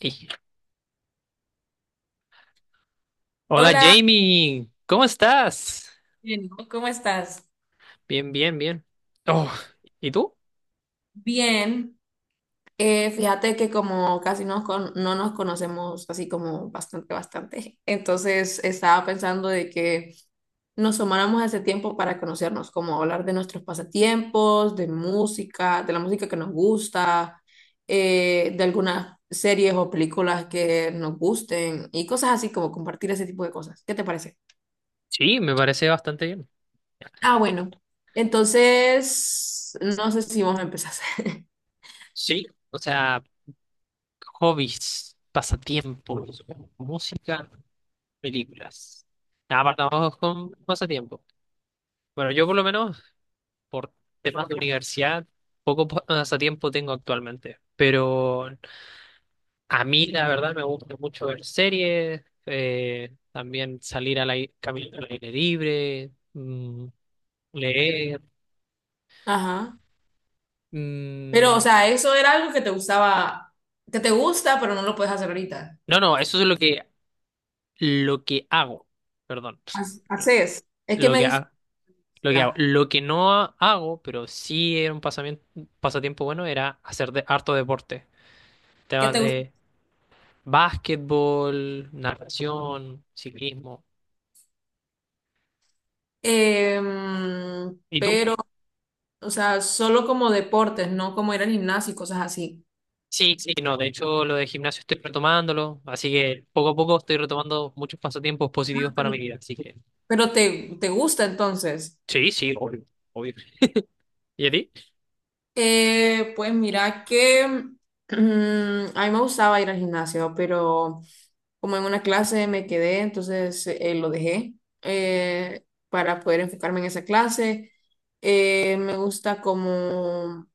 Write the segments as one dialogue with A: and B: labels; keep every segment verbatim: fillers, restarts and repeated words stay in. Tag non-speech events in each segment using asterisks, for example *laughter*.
A: Ey, hola
B: Hola,
A: Jamie, ¿cómo estás?
B: Jenny, ¿cómo estás?
A: Bien, bien, bien. Oh, ¿y tú?
B: Bien, eh, fíjate que como casi nos con- no nos conocemos así como bastante, bastante, entonces estaba pensando de que nos tomáramos ese tiempo para conocernos, como hablar de nuestros pasatiempos, de música, de la música que nos gusta, eh, de algunas series o películas que nos gusten y cosas así como compartir ese tipo de cosas. ¿Qué te parece?
A: Sí, me parece bastante bien.
B: Ah, bueno, entonces no sé si vamos a empezar. *laughs*
A: Sí, o sea, hobbies, pasatiempos, música, películas. Nada, partamos con pasatiempo. Bueno, yo por lo menos, por temas de universidad, poco pa- pasatiempo tengo actualmente. Pero a mí, la verdad, me gusta mucho ver series, eh, también salir al aire, caminar al aire libre, mm, leer.
B: Ajá. Pero, o
A: Mm,
B: sea, eso era algo que te gustaba, que te gusta, pero no lo puedes hacer ahorita.
A: no, no, eso es lo que, lo que hago. Perdón.
B: Hac- Haces. Es que
A: Lo
B: me
A: que,
B: dices
A: ha- lo que hago.
B: ah,
A: Lo que no ha- hago, pero sí era un pasamiento, pasatiempo bueno, era hacer de, harto deporte.
B: ¿qué
A: Temas
B: te gusta?
A: de básquetbol, natación, ciclismo.
B: Em,
A: ¿Y tú?
B: pero, o sea, solo como deportes, no como ir al gimnasio y cosas así.
A: Sí, sí, no, de hecho lo de gimnasio estoy retomándolo, así que poco a poco estoy retomando muchos pasatiempos positivos
B: Ah,
A: para
B: Pero,
A: mi vida, así que...
B: pero te, te gusta entonces.
A: Sí, sí, obvio, obvio. ¿Y a ti?
B: Eh, pues mira que *clears throat* mm, a mí me gustaba ir al gimnasio, pero como en una clase me quedé, entonces eh, lo dejé eh, para poder enfocarme en esa clase. Eh, me gusta como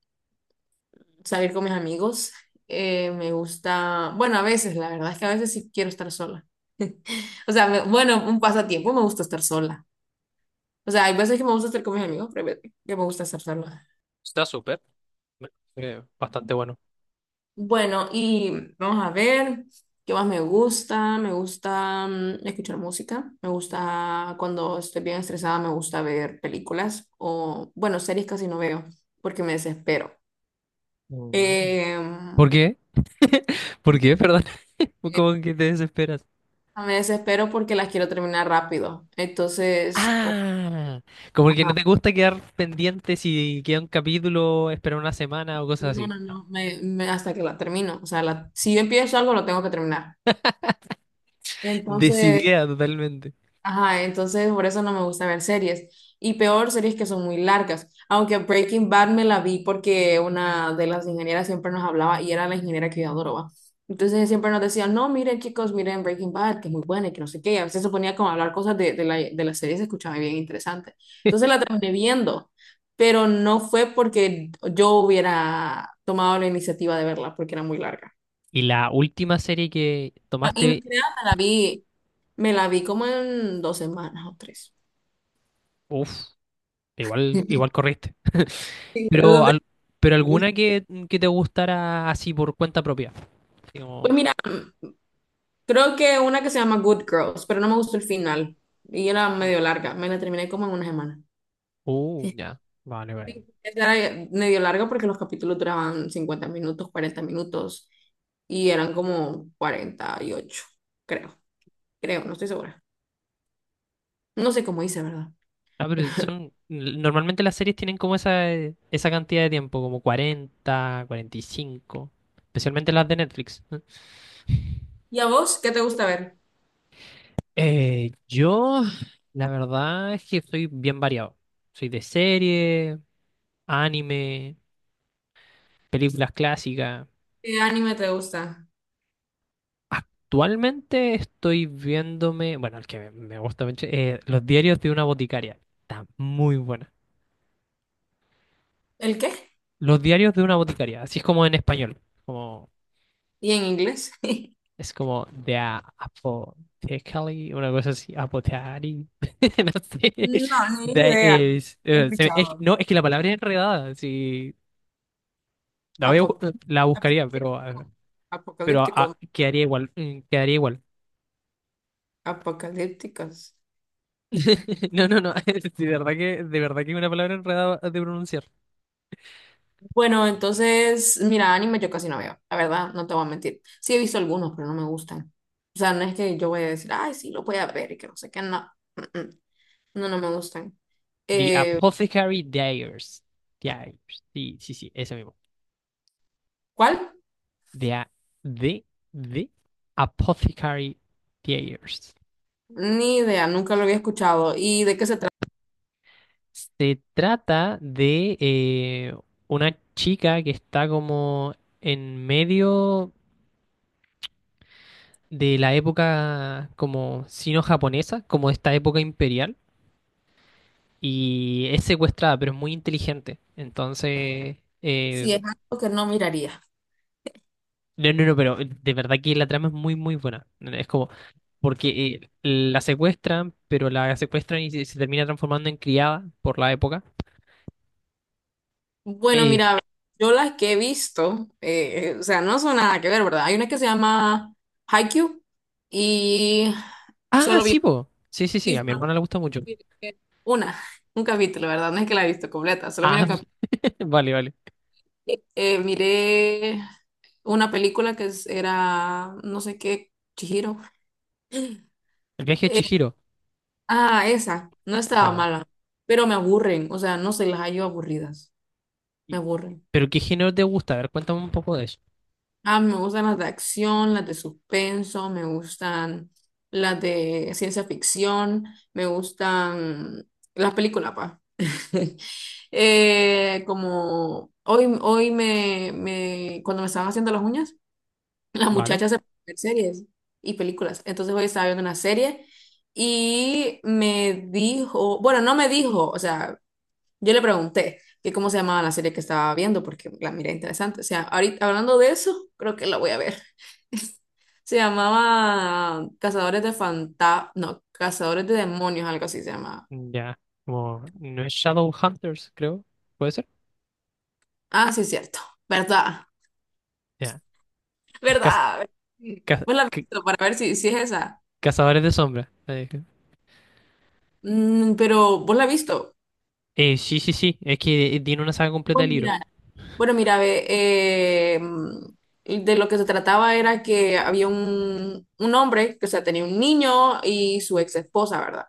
B: salir con mis amigos. Eh, me gusta, bueno, a veces, la verdad es que a veces sí quiero estar sola. O sea, me- bueno, un pasatiempo me gusta estar sola. O sea, hay veces que me gusta estar con mis amigos, pero hay veces que me gusta estar sola.
A: Está súper, eh, bastante bueno.
B: Bueno, y vamos a ver qué más me gusta. Me gusta mm, escuchar música. Me gusta cuando estoy bien estresada, me gusta ver películas o, bueno, series casi no veo porque me desespero.
A: Mm.
B: Eh,
A: ¿Por qué? ¿Por qué? Perdón. *laughs* ¿Como que te desesperas?
B: Me desespero porque las quiero terminar rápido. Entonces, o-
A: Ah, como que no
B: ajá,
A: te gusta quedar pendiente si queda un capítulo, esperar una semana o cosas
B: no,
A: así.
B: no, no, me, me- hasta que la termino. O sea, la- si yo empiezo algo, lo tengo que terminar. Entonces,
A: Decidida totalmente.
B: ajá, entonces por eso no me gusta ver series. Y peor, series que son muy largas. Aunque Breaking Bad me la vi porque una de las ingenieras siempre nos hablaba y era la ingeniera que yo adoraba. Entonces siempre nos decía, no, miren chicos, miren Breaking Bad, que es muy buena y que no sé qué. Y a veces se ponía como a hablar cosas de, de la, de la serie, se escuchaba bien interesante. Entonces la
A: *laughs*
B: terminé viendo, pero no fue porque yo hubiera tomado la iniciativa de verla porque era muy larga.
A: Y la última serie que
B: Y no
A: tomaste,
B: creas, me la vi, me la vi como en dos semanas o tres.
A: uff, igual, igual
B: *laughs*
A: corriste.
B: Sí,
A: Pero,
B: luego
A: al- pero
B: pues
A: alguna que, que te gustara así por cuenta propia. Así como,
B: mira, creo que una que se llama Good Girls, pero no me gustó el final. Y era medio larga. Me la terminé como en una semana.
A: uh,
B: *laughs*
A: ya, vale, vale.
B: Sí, esa era medio larga porque los capítulos duraban cincuenta minutos, cuarenta minutos. Y eran como cuarenta y ocho, creo. Creo, no estoy segura. No sé cómo hice, ¿verdad?
A: Ah, pero son, normalmente las series tienen como esa, eh, esa cantidad de tiempo, como cuarenta cuarenta y cinco, especialmente las de Netflix.
B: ¿Y a vos qué te gusta ver?
A: Eh, yo, la verdad es que soy bien variado. Soy de serie, anime, películas clásicas.
B: ¿Qué anime te gusta?
A: Actualmente estoy viéndome, bueno, el que me me gusta mucho, eh, Los diarios de una boticaria. Está muy buena.
B: ¿El qué?
A: Los diarios de una boticaria, así es como en español. Como
B: ¿Y en inglés? *laughs*
A: es como de a- apothecary, una cosa así, apothecary. *laughs* No sé.
B: No, ni
A: De-
B: idea.
A: es-
B: He
A: eh, se- es-
B: escuchado.
A: no, es que la palabra es enredada. Sí, la voy a bu-
B: Apo-
A: la buscaría, pero,
B: Apocalíptico.
A: eh, pero
B: Apocalíptico.
A: ah, quedaría igual. mm, Quedaría igual.
B: Apocalípticas.
A: *laughs* No, no, no. *laughs* De verdad que, de verdad que es una palabra enredada de pronunciar.
B: Bueno, entonces, mira, anime yo casi no veo, la verdad, no te voy a mentir. Sí he visto algunos, pero no me gustan. O sea, no es que yo voy a decir, ay, sí, lo voy a ver y que no sé qué, no. Mm, mm. No, no me gustan.
A: The
B: Eh,
A: Apothecary Diaries. Diaries. Sí, sí, sí, ese mismo.
B: ¿cuál?
A: The, a- de, de Apothecary Diaries.
B: Ni idea, nunca lo había escuchado. ¿Y de qué se trata?
A: Se trata de eh, una chica que está como en medio de la época como sino-japonesa, como esta época imperial, y es secuestrada, pero es muy inteligente. Entonces,
B: Si
A: eh,
B: es algo que no miraría.
A: no, no, no, pero de verdad que la trama es muy, muy buena. Es como, porque eh, la secuestran, pero la secuestran y se, se termina transformando en criada por la época.
B: Bueno,
A: Eh,
B: mira, yo las que he visto, eh, o sea, no son nada que ver, ¿verdad? Hay una que se llama Haikyuu y
A: ah,
B: solo vi
A: sí, po. Sí, sí, sí, a mi
B: misma.
A: hermana le gusta mucho.
B: Una, un capítulo, ¿verdad? No es que la he visto completa, solo
A: Ah,
B: miré, cap-
A: *laughs* vale, vale.
B: eh, miré una película que es- era, no sé qué, Chihiro.
A: El viaje de Chihiro.
B: Ah, esa, no estaba
A: Vale.
B: mala, pero me aburren, o sea, no se las hallo aburridas, me
A: Y...
B: aburren.
A: ¿Pero qué género te gusta? A ver, cuéntame un poco de eso.
B: Ah, me gustan las de acción, las de suspenso, me gustan las de ciencia ficción, me gustan las películas, pa. *laughs* Eh, como hoy, hoy me, me, cuando me estaban haciendo las uñas, las
A: Vale.
B: muchachas se ponen a ver series y películas. Entonces hoy estaba viendo una serie y me dijo, bueno, no me dijo, o sea, yo le pregunté que cómo se llamaba la serie que estaba viendo, porque la miré interesante. O sea, ahorita hablando de eso, creo que la voy a ver. *laughs* Se llamaba Cazadores de fanta no, Cazadores de Demonios, algo así se llamaba.
A: Ya. Como, no es Shadowhunters, creo. ¿Puede ser?
B: Ah, sí, es cierto. ¿Verdad?
A: Ya. Es caz-
B: ¿Verdad?
A: caz-
B: ¿Vos la has
A: ca-
B: visto para ver si, si es esa?
A: Cazadores de Sombras. Eh,
B: Mm, pero, ¿vos la has visto?
A: eh, sí, sí, sí. Es que eh, tiene una saga completa de
B: Bueno,
A: libros.
B: mira, bueno, mira, ve, eh, mm, de lo que se trataba era que había un, un hombre que, o sea, tenía un niño y su ex esposa, ¿verdad?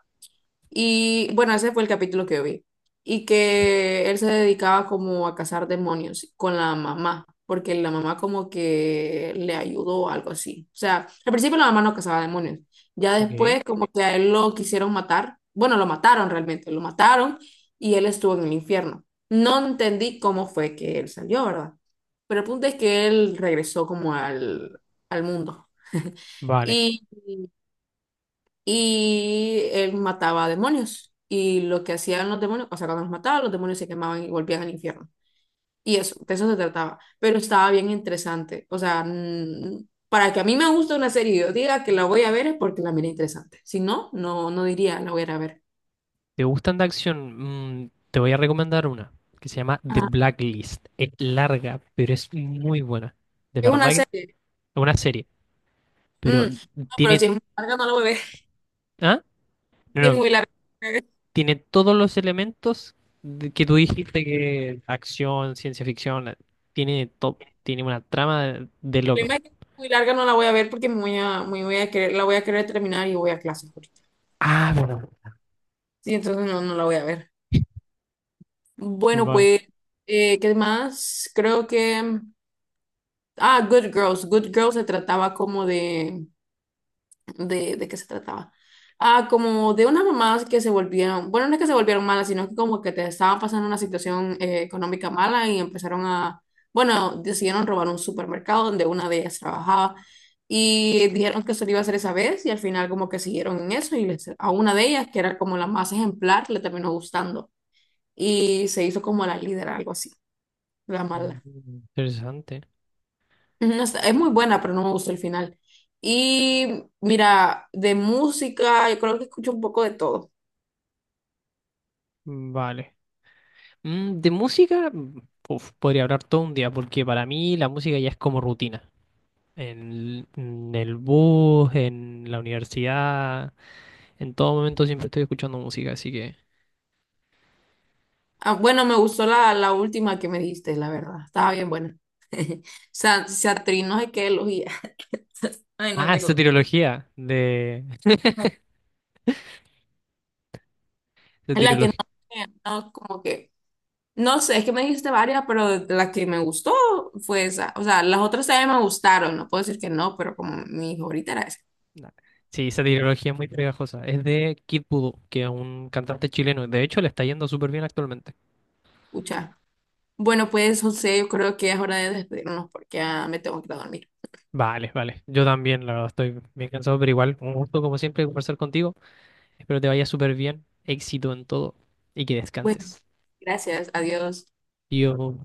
B: Y bueno, ese fue el capítulo que yo vi. Y que él se dedicaba como a cazar demonios con la mamá, porque la mamá como que le ayudó o algo así. O sea, al principio la mamá no cazaba demonios. Ya
A: Ok.
B: después como que a él lo quisieron matar. Bueno, lo mataron realmente, lo mataron y él estuvo en el infierno. No entendí cómo fue que él salió, ¿verdad? Pero el punto es que él regresó como al, al mundo
A: Vale.
B: y él mataba demonios. Y lo que hacían los demonios, o sea, cuando los mataban, los demonios se quemaban y volvían al infierno. Y eso, de eso se trataba. Pero estaba bien interesante. O sea, mm, para que a mí me guste una serie y yo diga que la voy a ver es porque la miré interesante. Si no, no, no diría la voy a ir a ver.
A: ¿Te gustan de acción? Mm, te voy a recomendar una que se llama The
B: Ajá.
A: Blacklist. Es larga, pero es muy buena. De
B: Es
A: verdad
B: una
A: que es
B: serie.
A: una serie.
B: Mm,
A: Pero
B: no, pero
A: tiene...
B: si es muy larga, no la voy a ver. *laughs*
A: ¿Ah? No,
B: Si es
A: no,
B: muy larga. El
A: tiene todos los elementos de- que tú dijiste, que acción, ciencia ficción, la- tiene todo, tiene una trama de, de loco.
B: problema es que si es muy larga, no la voy a ver porque me voy a, me voy a querer, la voy a querer terminar y voy a clases ahorita.
A: Ah, bueno.
B: Sí, entonces no, no la voy a ver. Bueno,
A: Vale.
B: pues, eh, ¿qué más? Creo que... mm, ah, Good Girls. Good Girls se trataba como de... ¿De, de qué se trataba? Ah, como de unas mamás que se volvieron... Bueno, no es que se volvieron malas, sino que como que te estaban pasando una situación eh, económica mala y empezaron a... Bueno, decidieron robar un supermercado donde una de ellas trabajaba y dijeron que eso lo iba a hacer esa vez y al final como que siguieron en eso y les- a una de ellas, que era como la más ejemplar, le terminó gustando y se hizo como la líder, algo así. La
A: Mm,
B: mala.
A: interesante.
B: No está- es muy buena, pero no me gustó el final. Y mira, de música, yo creo que escucho un poco de todo.
A: Vale. Mm, de música, mm, uf, podría hablar todo un día, porque para mí la música ya es como rutina. En, en el bus, en la universidad, en todo momento siempre estoy escuchando música, así que...
B: Ah, bueno, me gustó la, la última que me diste, la verdad. Estaba bien buena. *laughs* Sa- Satrin, no sé qué elegía. *laughs* Ay, no
A: Ah,
B: tengo.
A: soteriología de...
B: Es la que no, no, como que. No sé, es que me dijiste varias, pero la que me gustó fue esa. O sea, las otras también me gustaron. No puedo decir que no, pero como mi favorita era esa.
A: Nah. Sí, esa trilogía es muy pegajosa. Es de Kid Voodoo, que es un cantante chileno. De hecho, le está yendo súper bien actualmente.
B: Escucha. Bueno, pues José, yo creo que es hora de despedirnos porque ya me tengo que ir a dormir.
A: Vale, vale. Yo también, la verdad, estoy bien cansado, pero igual, un gusto como siempre conversar contigo. Espero te vaya súper bien. Éxito en todo y que
B: Bueno,
A: descanses.
B: gracias. Adiós.
A: Dios.